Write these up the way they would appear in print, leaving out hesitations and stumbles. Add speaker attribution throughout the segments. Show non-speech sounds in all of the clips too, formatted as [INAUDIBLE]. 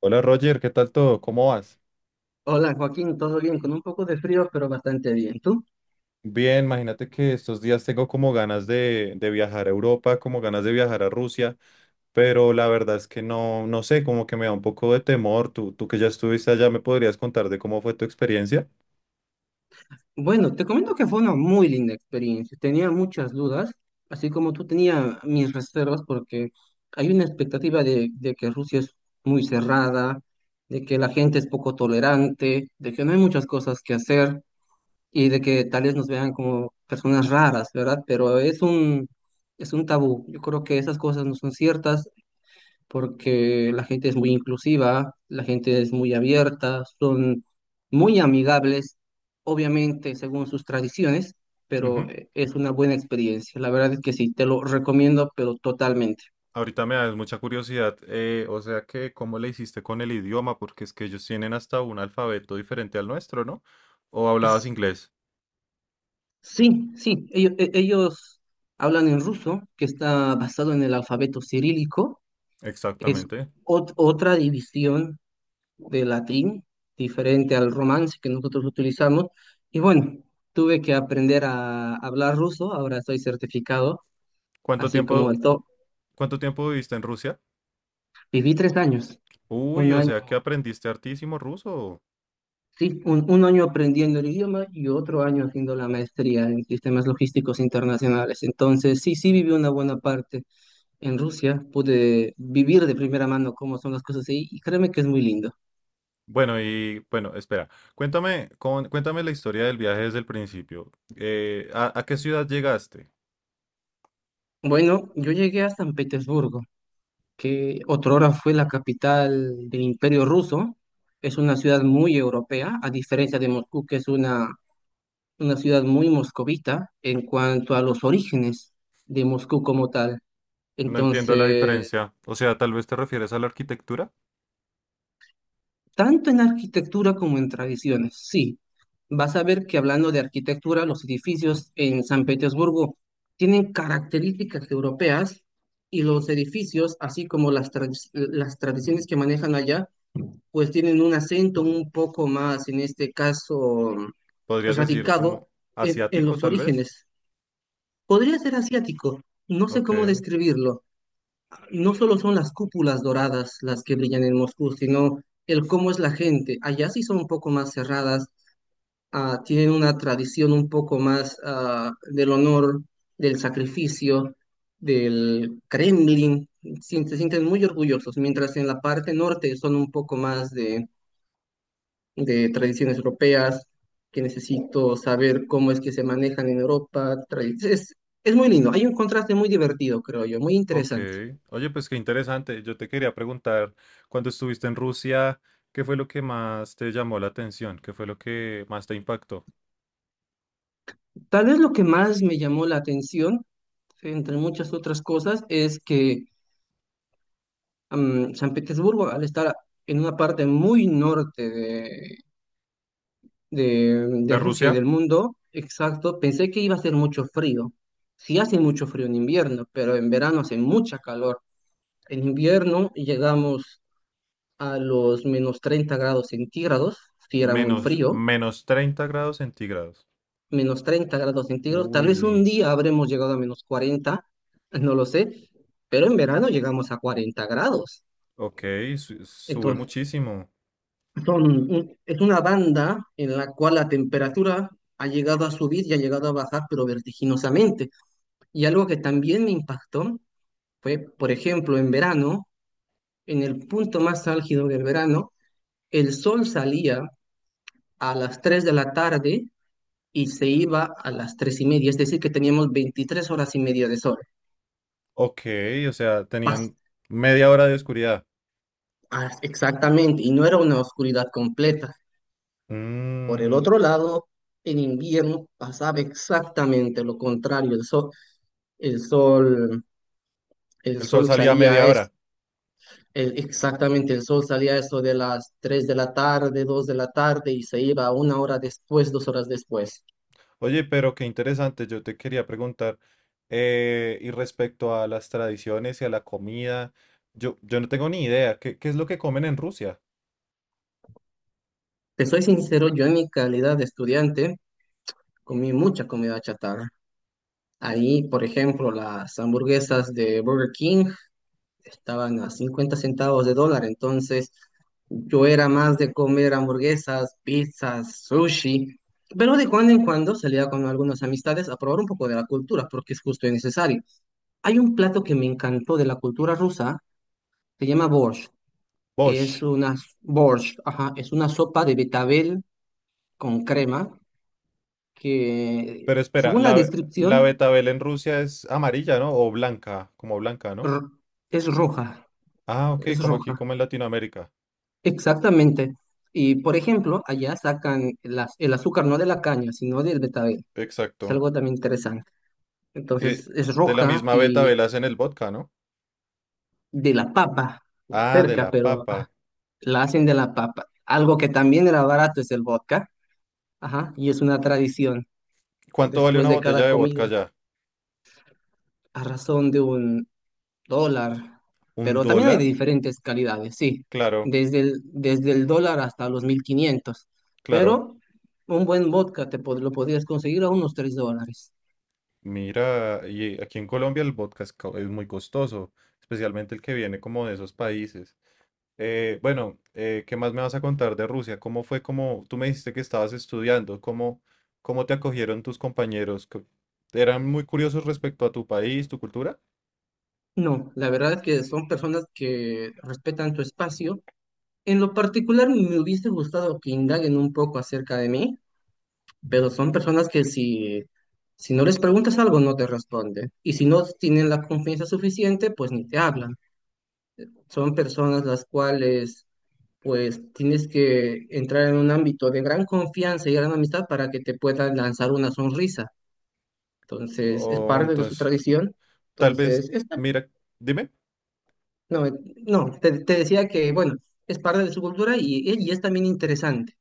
Speaker 1: Hola Roger, ¿qué tal todo? ¿Cómo vas?
Speaker 2: Hola Joaquín, todo bien, con un poco de frío, pero bastante bien. ¿Tú?
Speaker 1: Bien, imagínate que estos días tengo como ganas de viajar a Europa, como ganas de viajar a Rusia, pero la verdad es que no, no sé, como que me da un poco de temor. Tú que ya estuviste allá, ¿me podrías contar de cómo fue tu experiencia?
Speaker 2: Bueno, te comento que fue una muy linda experiencia. Tenía muchas dudas, así como tú tenía mis reservas, porque hay una expectativa de que Rusia es muy cerrada, de que la gente es poco tolerante, de que no hay muchas cosas que hacer y de que tal vez nos vean como personas raras, ¿verdad? Pero es un tabú. Yo creo que esas cosas no son ciertas, porque la gente es muy inclusiva, la gente es muy abierta, son muy amigables, obviamente según sus tradiciones, pero
Speaker 1: Ujú.
Speaker 2: es una buena experiencia. La verdad es que sí, te lo recomiendo, pero totalmente.
Speaker 1: Ahorita me da mucha curiosidad, o sea que cómo le hiciste con el idioma, porque es que ellos tienen hasta un alfabeto diferente al nuestro, ¿no? ¿O hablabas
Speaker 2: Pues,
Speaker 1: inglés?
Speaker 2: sí, sí, ellos hablan en ruso, que está basado en el alfabeto cirílico, es
Speaker 1: Exactamente.
Speaker 2: otra división de latín, diferente al romance que nosotros utilizamos. Y bueno, tuve que aprender a hablar ruso, ahora estoy certificado,
Speaker 1: ¿Cuánto
Speaker 2: así como
Speaker 1: tiempo,
Speaker 2: el top.
Speaker 1: ¿cuánto tiempo viviste en Rusia?
Speaker 2: Viví 3 años, un
Speaker 1: Uy, o sea que
Speaker 2: año,
Speaker 1: aprendiste hartísimo ruso.
Speaker 2: sí, un año aprendiendo el idioma y otro año haciendo la maestría en sistemas logísticos internacionales. Entonces, sí, sí viví una buena parte en Rusia, pude vivir de primera mano cómo son las cosas ahí y créeme que es muy lindo.
Speaker 1: Bueno, y bueno, espera, cuéntame la historia del viaje desde el principio. ¿ a qué ciudad llegaste?
Speaker 2: Bueno, yo llegué a San Petersburgo, que otrora fue la capital del Imperio Ruso. Es una ciudad muy europea, a diferencia de Moscú, que es una ciudad muy moscovita en cuanto a los orígenes de Moscú como tal.
Speaker 1: No entiendo la
Speaker 2: Entonces,
Speaker 1: diferencia. O sea, tal vez te refieres a la arquitectura.
Speaker 2: tanto en arquitectura como en tradiciones, sí. Vas a ver que hablando de arquitectura, los edificios en San Petersburgo tienen características europeas y los edificios, así como las tradiciones que manejan allá, pues tienen un acento un poco más, en este caso,
Speaker 1: Podrías decir
Speaker 2: radicado
Speaker 1: como
Speaker 2: en
Speaker 1: asiático,
Speaker 2: los
Speaker 1: tal vez.
Speaker 2: orígenes. Podría ser asiático, no sé cómo
Speaker 1: Ok.
Speaker 2: describirlo. No solo son las cúpulas doradas las que brillan en Moscú, sino el cómo es la gente. Allá sí son un poco más cerradas, tienen una tradición un poco más del honor, del sacrificio, del Kremlin. Se sienten muy orgullosos, mientras en la parte norte son un poco más de tradiciones europeas, que necesito saber cómo es que se manejan en Europa. Es, es muy lindo, hay un contraste muy divertido, creo yo, muy
Speaker 1: Ok.
Speaker 2: interesante.
Speaker 1: Oye, pues qué interesante. Yo te quería preguntar, cuando estuviste en Rusia, ¿qué fue lo que más te llamó la atención? ¿Qué fue lo que más te impactó?
Speaker 2: Tal vez lo que más me llamó la atención, entre muchas otras cosas, es que San Petersburgo, al estar en una parte muy norte de
Speaker 1: De
Speaker 2: Rusia y
Speaker 1: Rusia,
Speaker 2: del mundo, exacto, pensé que iba a ser mucho frío. Sí hace mucho frío en invierno, pero en verano hace mucha calor. En invierno llegamos a los -30 °C, si era muy frío,
Speaker 1: menos 30 grados centígrados.
Speaker 2: -30 °C, tal vez
Speaker 1: Uy,
Speaker 2: un día habremos llegado a -40, no lo sé, pero en verano llegamos a 40 grados.
Speaker 1: ok, sube
Speaker 2: Entonces,
Speaker 1: muchísimo.
Speaker 2: son es una banda en la cual la temperatura ha llegado a subir y ha llegado a bajar, pero vertiginosamente. Y algo que también me impactó fue, por ejemplo, en verano, en el punto más álgido del verano, el sol salía a las 3 de la tarde y se iba a las 3:30, es decir, que teníamos 23 horas y media de sol.
Speaker 1: Ok, o sea,
Speaker 2: Pas-
Speaker 1: tenían media hora de oscuridad.
Speaker 2: Exactamente, y no era
Speaker 1: Eh,
Speaker 2: una oscuridad completa. Por el
Speaker 1: mm,
Speaker 2: otro lado, en invierno pasaba exactamente lo contrario, el sol, el
Speaker 1: el sol
Speaker 2: sol
Speaker 1: salía a
Speaker 2: salía
Speaker 1: media hora.
Speaker 2: exactamente, el sol salía a eso de las 3 de la tarde, 2 de la tarde y se iba una hora después, 2 horas después.
Speaker 1: Oye, pero qué interesante, yo te quería preguntar, y respecto a las tradiciones y a la comida, yo no tengo ni idea, ¿qué es lo que comen en Rusia?
Speaker 2: Te soy sincero, yo en mi calidad de estudiante comí mucha comida chatarra. Ahí, por ejemplo, las hamburguesas de Burger King estaban a 50 centavos de dólar, entonces yo era más de comer hamburguesas, pizzas, sushi, pero de cuando en cuando salía con algunas amistades a probar un poco de la cultura, porque es justo y necesario. Hay un plato que me encantó de la cultura rusa, se llama borsch. Es
Speaker 1: Bosh.
Speaker 2: una Borsch, ajá, es una sopa de betabel con crema que,
Speaker 1: Pero espera,
Speaker 2: según la
Speaker 1: la
Speaker 2: descripción,
Speaker 1: betabel en Rusia es amarilla, ¿no? O blanca, como blanca, ¿no?
Speaker 2: r- es roja,
Speaker 1: Ah, ok,
Speaker 2: es
Speaker 1: como aquí,
Speaker 2: roja.
Speaker 1: como en Latinoamérica.
Speaker 2: Exactamente. Y por ejemplo, allá sacan el azúcar no de la caña, sino del betabel. Es
Speaker 1: Exacto.
Speaker 2: algo también interesante.
Speaker 1: Y
Speaker 2: Entonces es
Speaker 1: de la
Speaker 2: roja
Speaker 1: misma
Speaker 2: y
Speaker 1: betabel hacen el vodka, ¿no?
Speaker 2: de la papa,
Speaker 1: Ah, de
Speaker 2: cerca,
Speaker 1: la
Speaker 2: pero
Speaker 1: papa.
Speaker 2: la hacen de la papa. Algo que también era barato es el vodka. Ajá, y es una tradición
Speaker 1: ¿Cuánto vale
Speaker 2: después
Speaker 1: una
Speaker 2: de
Speaker 1: botella
Speaker 2: cada
Speaker 1: de
Speaker 2: comida,
Speaker 1: vodka ya?
Speaker 2: a razón de un dólar,
Speaker 1: ¿Un
Speaker 2: pero también hay de
Speaker 1: dólar?
Speaker 2: diferentes calidades, sí,
Speaker 1: Claro,
Speaker 2: desde el dólar hasta los 1500,
Speaker 1: claro.
Speaker 2: pero un buen vodka lo podrías conseguir a unos $3.
Speaker 1: Mira, y aquí en Colombia el vodka es, es muy costoso, especialmente el que viene como de esos países. Bueno, ¿qué más me vas a contar de Rusia? ¿Cómo fue como tú me dijiste que estabas estudiando? ¿Cómo te acogieron tus compañeros? ¿Qué- ¿Eran muy curiosos respecto a tu país, tu cultura?
Speaker 2: No, la verdad es que son personas que respetan tu espacio. En lo particular me hubiese gustado que indaguen un poco acerca de mí, pero son personas que si no les preguntas algo no te responden. Y si no tienen la confianza suficiente, pues ni te hablan. Son personas las cuales pues tienes que entrar en un ámbito de gran confianza y gran amistad para que te puedan lanzar una sonrisa. Entonces, es
Speaker 1: O
Speaker 2: parte de su
Speaker 1: entonces,
Speaker 2: tradición.
Speaker 1: tal vez,
Speaker 2: Entonces,
Speaker 1: mira, dime.
Speaker 2: no, no, te decía que, bueno, es parte de su cultura y es también interesante.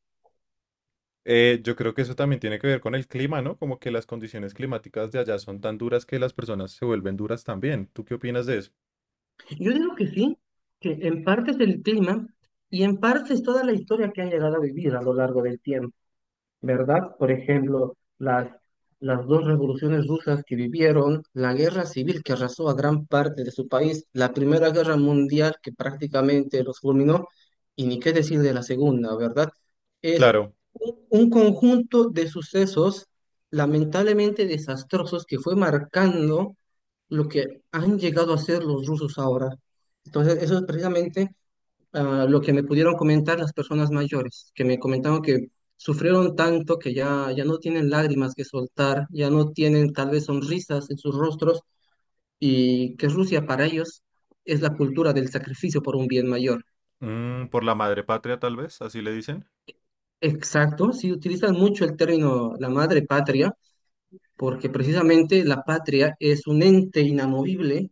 Speaker 1: Yo creo que eso también tiene que ver con el clima, ¿no? Como que las condiciones climáticas de allá son tan duras que las personas se vuelven duras también. ¿Tú qué opinas de eso?
Speaker 2: Yo digo que sí, que en parte es el clima y en parte es toda la historia que han llegado a vivir a lo largo del tiempo. ¿Verdad? Por ejemplo, las dos revoluciones rusas que vivieron, la guerra civil que arrasó a gran parte de su país, la Primera Guerra Mundial que prácticamente los fulminó, y ni qué decir de la Segunda, ¿verdad? Es
Speaker 1: Claro.
Speaker 2: un conjunto de sucesos lamentablemente desastrosos que fue marcando lo que han llegado a ser los rusos ahora. Entonces, eso es precisamente lo que me pudieron comentar las personas mayores, que me comentaron que sufrieron tanto que ya, ya no tienen lágrimas que soltar, ya no tienen tal vez sonrisas en sus rostros y que Rusia para ellos es la cultura del sacrificio por un bien mayor.
Speaker 1: Mm, por la madre patria, tal vez, así le dicen.
Speaker 2: Exacto, si utilizan mucho el término la madre patria, porque precisamente la patria es un ente inamovible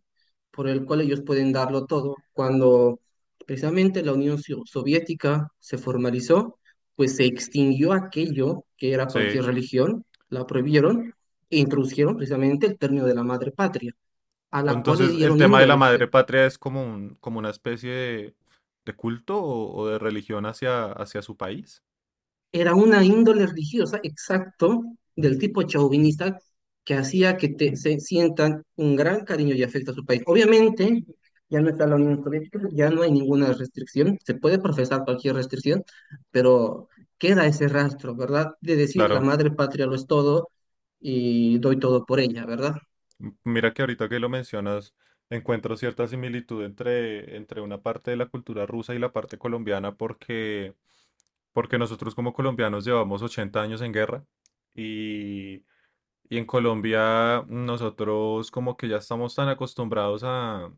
Speaker 2: por el cual ellos pueden darlo todo. Cuando precisamente la Soviética se formalizó, pues se extinguió aquello que era
Speaker 1: Sí.
Speaker 2: cualquier religión, la prohibieron e introdujeron precisamente el término de la madre patria, a la cual le
Speaker 1: Entonces, el
Speaker 2: dieron
Speaker 1: tema de la
Speaker 2: índoles.
Speaker 1: madre patria es como un, como una especie de culto o de religión hacia su país.
Speaker 2: Era una índole religiosa, exacto, del tipo chauvinista, que hacía que se sientan un gran cariño y afecto a su país. Obviamente, ya no está la Unión Soviética, ya no hay ninguna restricción, se puede profesar cualquier restricción, pero queda ese rastro, ¿verdad? De decir la
Speaker 1: Claro.
Speaker 2: madre patria lo es todo y doy todo por ella, ¿verdad?
Speaker 1: Mira que ahorita que lo mencionas, encuentro cierta similitud entre una parte de la cultura rusa y la parte colombiana porque nosotros como colombianos llevamos 80 años en guerra y, y en Colombia nosotros como que ya estamos tan acostumbrados a,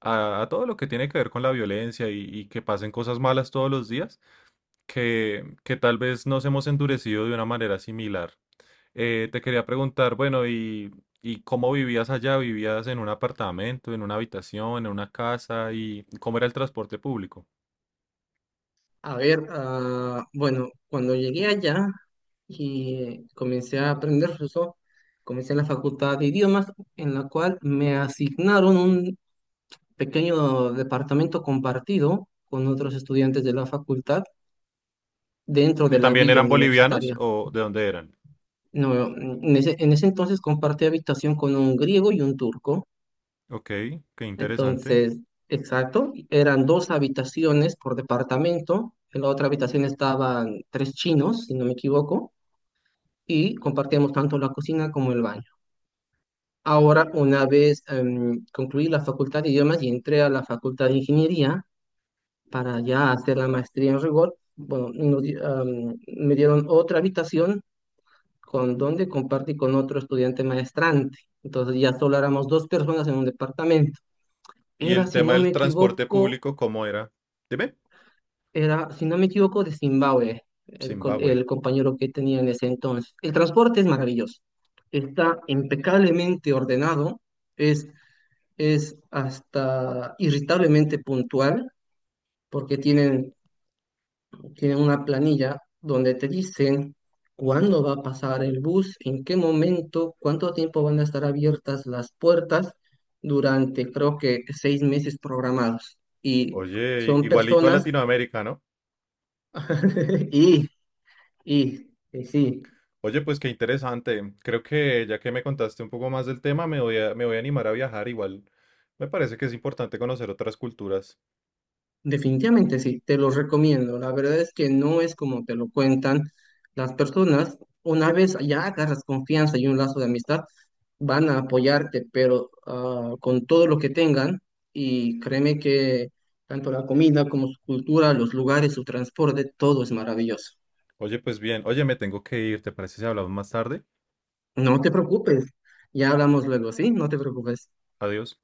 Speaker 1: a, a todo lo que tiene que ver con la violencia y que pasen cosas malas todos los días que tal vez nos hemos endurecido de una manera similar. Te quería preguntar, bueno, ¿y cómo vivías allá? ¿Vivías en un apartamento, en una habitación, en una casa? ¿Y cómo era el transporte público?
Speaker 2: A ver, bueno, cuando llegué allá y comencé a aprender ruso, comencé en la facultad de idiomas, en la cual me asignaron un pequeño departamento compartido con otros estudiantes de la facultad dentro
Speaker 1: ¿Que
Speaker 2: de la
Speaker 1: también
Speaker 2: villa
Speaker 1: eran bolivianos
Speaker 2: universitaria.
Speaker 1: o de dónde eran?
Speaker 2: No, en ese entonces compartí habitación con un griego y un turco.
Speaker 1: Ok, qué interesante.
Speaker 2: Entonces, exacto, eran dos habitaciones por departamento. En la otra habitación estaban tres chinos, si no me equivoco, y compartíamos tanto la cocina como el baño. Ahora, una vez concluí la facultad de idiomas y entré a la facultad de ingeniería para ya hacer la maestría en rigor, bueno, me dieron otra habitación con donde compartí con otro estudiante maestrante. Entonces ya solo éramos dos personas en un departamento.
Speaker 1: ¿Y
Speaker 2: Era,
Speaker 1: el
Speaker 2: si
Speaker 1: tema
Speaker 2: no
Speaker 1: del
Speaker 2: me
Speaker 1: transporte
Speaker 2: equivoco,
Speaker 1: público, cómo era? Dime.
Speaker 2: Era, si no me equivoco, de Zimbabue,
Speaker 1: Zimbabue.
Speaker 2: el compañero que tenía en ese entonces. El transporte es maravilloso, está impecablemente ordenado, es, es hasta irritablemente puntual, porque tienen una planilla donde te dicen cuándo va a pasar el bus, en qué momento, cuánto tiempo van a estar abiertas las puertas durante, creo que, 6 meses programados. Y
Speaker 1: Oye,
Speaker 2: son
Speaker 1: igualito a
Speaker 2: personas...
Speaker 1: Latinoamérica, ¿no?
Speaker 2: [LAUGHS] Y Y sí,
Speaker 1: Oye, pues qué interesante. Creo que ya que me contaste un poco más del tema, me voy a animar a viajar igual. Me parece que es importante conocer otras culturas.
Speaker 2: definitivamente sí, te lo recomiendo. La verdad es que no es como te lo cuentan las personas. Una vez ya agarras confianza y un lazo de amistad, van a apoyarte, pero con todo lo que tengan. Y créeme que tanto la comida como su cultura, los lugares, su transporte, todo es maravilloso.
Speaker 1: Oye, pues bien. Oye, me tengo que ir. ¿Te parece si hablamos más tarde?
Speaker 2: No te preocupes, ya hablamos luego, ¿sí? No te preocupes.
Speaker 1: Adiós.